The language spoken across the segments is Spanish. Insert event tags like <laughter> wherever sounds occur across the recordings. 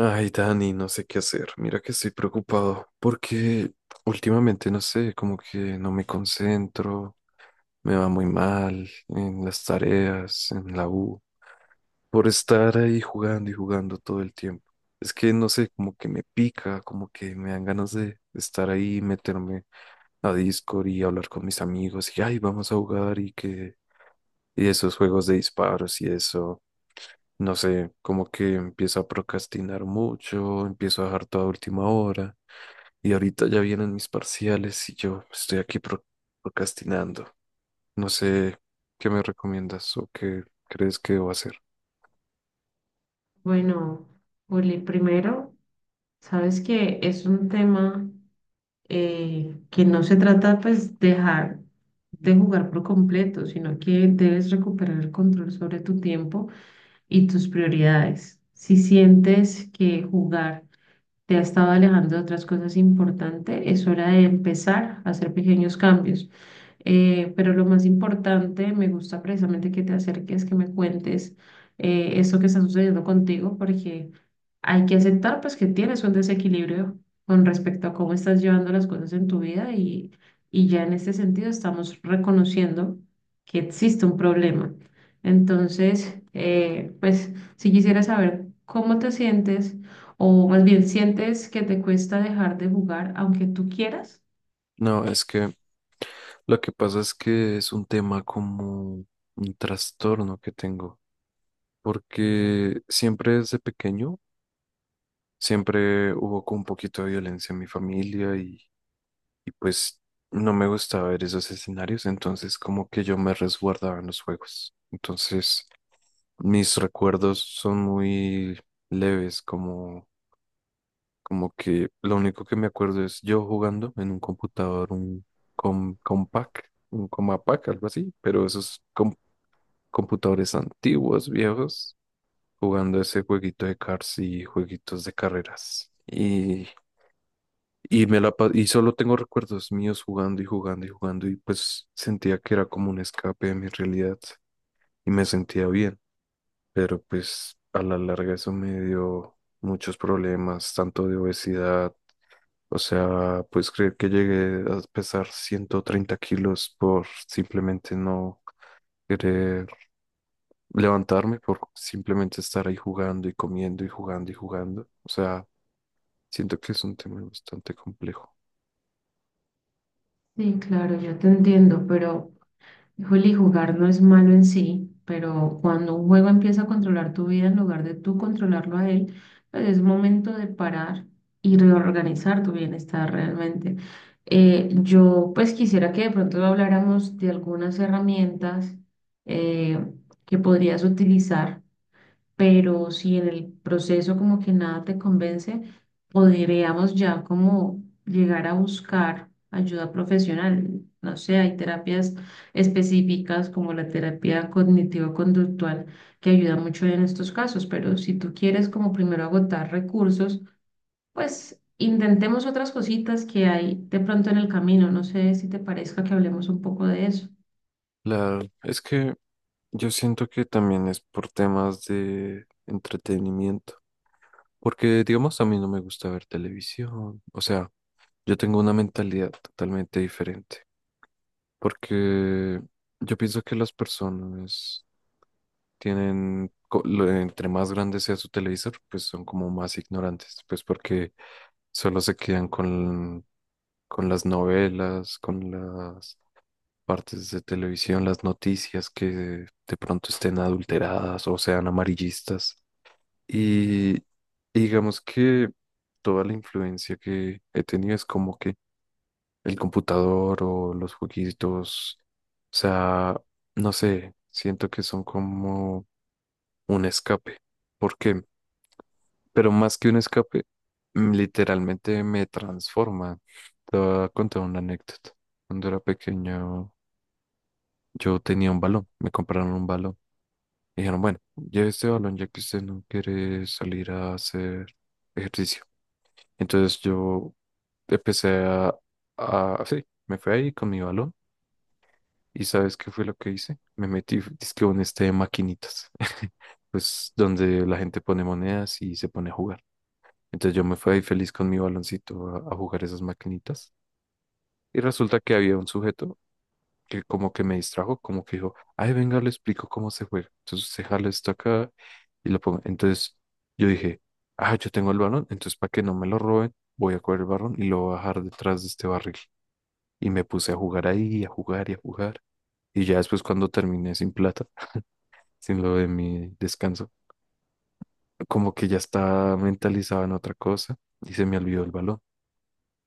Ay, Dani, no sé qué hacer. Mira que estoy preocupado porque últimamente, no sé, como que no me concentro, me va muy mal en las tareas, en la U, por estar ahí jugando y jugando todo el tiempo. Es que, no sé, como que me pica, como que me dan ganas de estar ahí, meterme a Discord y hablar con mis amigos y, ay, vamos a jugar y esos juegos de disparos y eso, no sé, como que empiezo a procrastinar mucho, empiezo a dejar toda última hora y ahorita ya vienen mis parciales y yo estoy aquí procrastinando. No sé qué me recomiendas o qué crees que debo hacer. Bueno, Juli, primero, sabes que es un tema que no se trata pues dejar de jugar por completo, sino que debes recuperar el control sobre tu tiempo y tus prioridades. Si sientes que jugar te ha estado alejando de otras cosas importantes, es hora de empezar a hacer pequeños cambios. Pero lo más importante, me gusta precisamente que te acerques, que me cuentes eso que está sucediendo contigo, porque hay que aceptar pues que tienes un desequilibrio con respecto a cómo estás llevando las cosas en tu vida y ya en este sentido estamos reconociendo que existe un problema. Entonces, pues si quisiera saber cómo te sientes o más bien sientes que te cuesta dejar de jugar aunque tú quieras. No, es que lo que pasa es que es un tema como un trastorno que tengo, porque siempre desde pequeño, siempre hubo como un poquito de violencia en mi familia y pues no me gustaba ver esos escenarios, entonces como que yo me resguardaba en los juegos. Entonces mis recuerdos son muy leves, como, como que lo único que me acuerdo es yo jugando en un computador, un compact, un Compact, algo así, pero esos computadores antiguos, viejos, jugando ese jueguito de cars y jueguitos de carreras. Y solo tengo recuerdos míos jugando y jugando y jugando y pues sentía que era como un escape de mi realidad y me sentía bien, pero pues a la larga eso me dio muchos problemas, tanto de obesidad, o sea, pues creer que llegué a pesar 130 kilos por simplemente no querer levantarme, por simplemente estar ahí jugando y comiendo y jugando, o sea, siento que es un tema bastante complejo. Sí, claro, yo te entiendo, pero... Híjole, jugar no es malo en sí, pero cuando un juego empieza a controlar tu vida en lugar de tú controlarlo a él, pues es momento de parar y reorganizar tu bienestar realmente. Yo pues quisiera que de pronto habláramos de algunas herramientas eh, que podrías utilizar pero si en el proceso como que nada te convence, podríamos ya como llegar a buscar ayuda profesional. No sé, hay terapias específicas como la terapia cognitivo-conductual que ayuda mucho en estos casos, pero si tú quieres como primero agotar recursos, pues intentemos otras cositas que hay de pronto en el camino. No sé si te parezca que hablemos un poco de eso. Es que yo siento que también es por temas de entretenimiento, porque digamos a mí no me gusta ver televisión, o sea, yo tengo una mentalidad totalmente diferente, porque yo pienso que las personas tienen, entre más grande sea su televisor, pues son como más ignorantes, pues porque solo se quedan con las novelas, con las partes de televisión, las noticias que de pronto estén adulteradas o sean amarillistas. Y digamos que toda la influencia que he tenido es como que el computador o los jueguitos, o sea, no sé, siento que son como un escape. ¿Por qué? Pero más que un escape, literalmente me transforma. Te voy a contar una anécdota. Cuando era pequeño, yo tenía un balón, me compraron un balón. Y dijeron, bueno, lleve este balón ya que usted no quiere salir a hacer ejercicio. Entonces yo empecé sí, me fui ahí con mi balón y ¿sabes qué fue lo que hice? Me metí, dizque en este de maquinitas, <laughs> pues donde la gente pone monedas y se pone a jugar. Entonces yo me fui ahí feliz con mi baloncito a jugar esas maquinitas y resulta que había un sujeto que como que me distrajo, como que dijo, ay, venga, le explico cómo se juega. Entonces se jala esto acá y lo pongo. Entonces yo dije, ah, yo tengo el balón, entonces para que no me lo roben, voy a coger el balón y lo voy a bajar detrás de este barril. Y me puse a jugar ahí, a jugar. Y ya después cuando terminé sin plata, <laughs> sin lo de mi descanso, como que ya estaba mentalizado en otra cosa y se me olvidó el balón.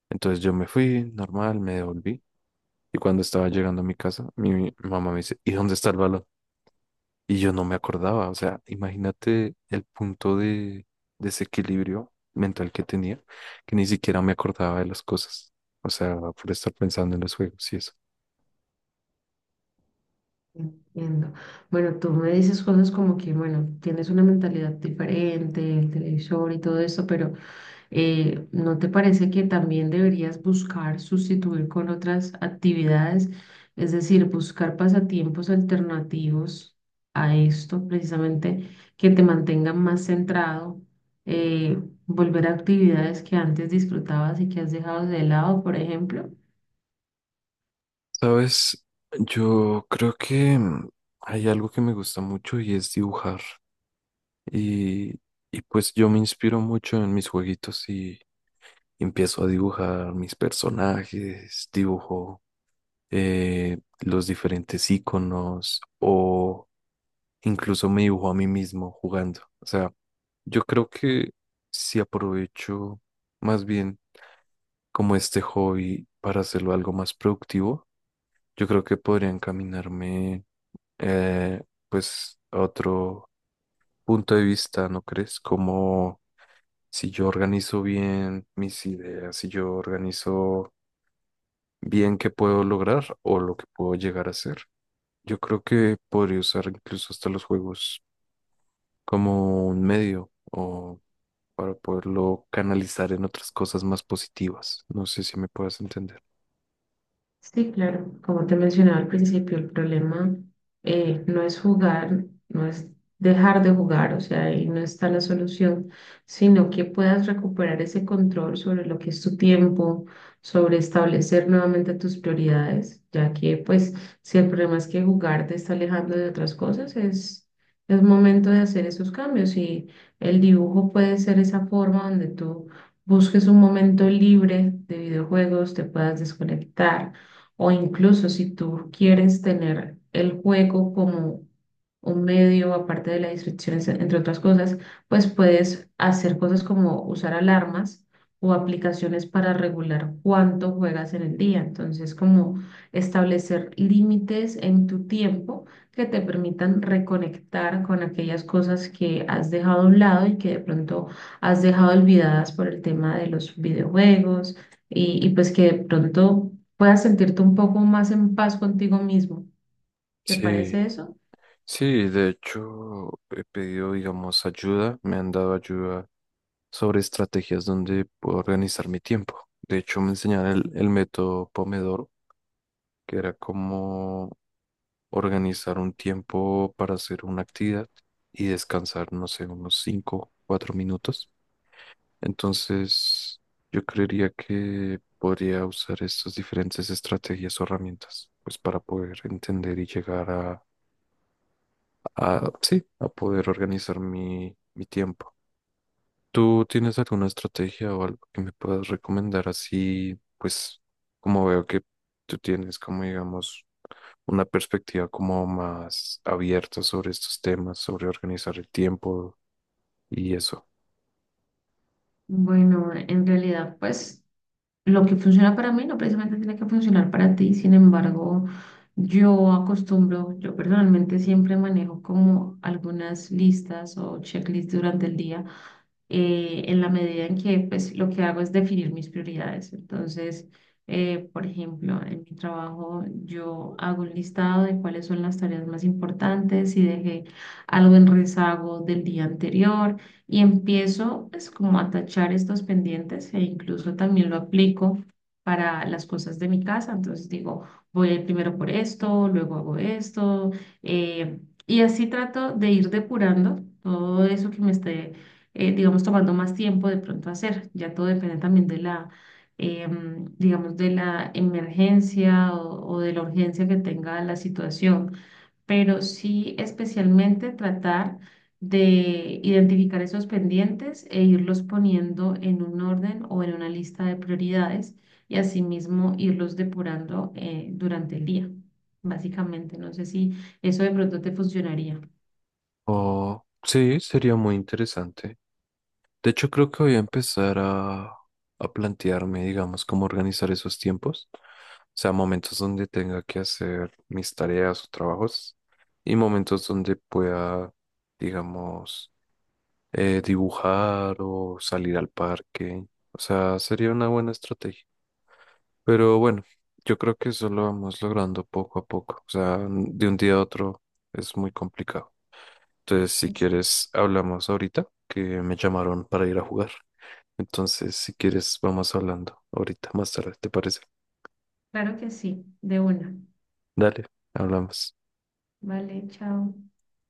Entonces yo me fui, normal, me devolví. Y cuando estaba llegando a mi casa, mi mamá me dice, ¿y dónde está el balón? Y yo no me acordaba, o sea, imagínate el punto de desequilibrio mental que tenía, que ni siquiera me acordaba de las cosas, o sea, por estar pensando en los juegos y eso. Entiendo. Bueno, tú me dices cosas como que, bueno, tienes una mentalidad diferente, el televisor y todo eso, pero ¿no te parece que también deberías buscar sustituir con otras actividades? Es decir, buscar pasatiempos alternativos a esto, precisamente que te mantengan más centrado, volver a actividades que antes disfrutabas y que has dejado de lado, por ejemplo. Sabes, yo creo que mm, hay algo que me gusta mucho y es dibujar. Y, y pues yo me inspiro mucho en mis jueguitos y empiezo a dibujar mis personajes, dibujo los diferentes iconos o incluso me dibujo a mí mismo jugando. O sea, yo creo que si aprovecho más bien como este hobby para hacerlo algo más productivo, yo creo que podría encaminarme eh, pues a otro punto de vista, ¿no crees? Como si yo organizo bien mis ideas, si yo organizo bien qué puedo lograr o lo que puedo llegar a hacer. Yo creo que podría usar incluso hasta los juegos como un medio o para poderlo canalizar en otras cosas más positivas. No sé si me puedas entender. Sí, claro, como te mencionaba al principio, el problema no es jugar, no es dejar de jugar, o sea, ahí no está la solución, sino que puedas recuperar ese control sobre lo que es tu tiempo, sobre establecer nuevamente tus prioridades, ya que pues si el problema es que jugar te está alejando de otras cosas, es momento de hacer esos cambios y el dibujo puede ser esa forma donde tú busques un momento libre de videojuegos, te puedas desconectar o incluso si tú quieres tener el juego como un medio, aparte de las distracciones entre otras cosas, pues puedes hacer cosas como usar alarmas o aplicaciones para regular cuánto juegas en el día. Entonces, como establecer límites en tu tiempo que te permitan reconectar con aquellas cosas que has dejado a un lado y que de pronto has dejado olvidadas por el tema de los videojuegos y pues que de pronto puedas sentirte un poco más en paz contigo mismo. ¿Te Sí, parece eso? sí, de hecho he pedido, digamos, ayuda, me han dado ayuda sobre estrategias donde puedo organizar mi tiempo. De hecho, me enseñaron el método Pomodoro, que era como organizar un tiempo para hacer una actividad y descansar, no sé, unos 5, 4 minutos. Entonces, yo creería que podría usar estas diferentes estrategias o herramientas, pues para poder entender y llegar a sí, a poder organizar mi tiempo. ¿Tú tienes alguna estrategia o algo que me puedas recomendar así, pues como veo que tú tienes como digamos una perspectiva como más abierta sobre estos temas, sobre organizar el tiempo y eso? Bueno, en realidad, pues lo que funciona para mí no precisamente tiene que funcionar para ti. Sin embargo, yo acostumbro, yo personalmente siempre manejo como algunas listas o checklists durante el día en la medida en que pues lo que hago es definir mis prioridades. Entonces, por ejemplo, en mi trabajo yo hago un listado de cuáles son las tareas más importantes, si dejé algo en rezago del día anterior y empiezo pues como a tachar estos pendientes e incluso también lo aplico para las cosas de mi casa. Entonces digo, voy a ir primero por esto, luego hago esto, eh, y así trato de ir depurando todo eso que me esté digamos, tomando más tiempo de pronto hacer. Ya todo depende también de digamos, de la emergencia o de la urgencia que tenga la situación, pero sí especialmente tratar de identificar esos pendientes e irlos poniendo en un orden o en una lista de prioridades y asimismo irlos depurando durante el día, básicamente. No sé si eso de pronto te funcionaría. O sí, sería muy interesante. De hecho, creo que voy a empezar a plantearme, digamos, cómo organizar esos tiempos. O sea, momentos donde tenga que hacer mis tareas o trabajos y momentos donde pueda, digamos, dibujar o salir al parque. O sea, sería una buena estrategia. Pero bueno, yo creo que eso lo vamos logrando poco a poco. O sea, de un día a otro es muy complicado. Entonces, si Exacto. quieres, hablamos ahorita, que me llamaron para ir a jugar. Entonces, si quieres, vamos hablando ahorita, más tarde, ¿te parece? Claro que sí, de una. Dale, hablamos. Vale, chao.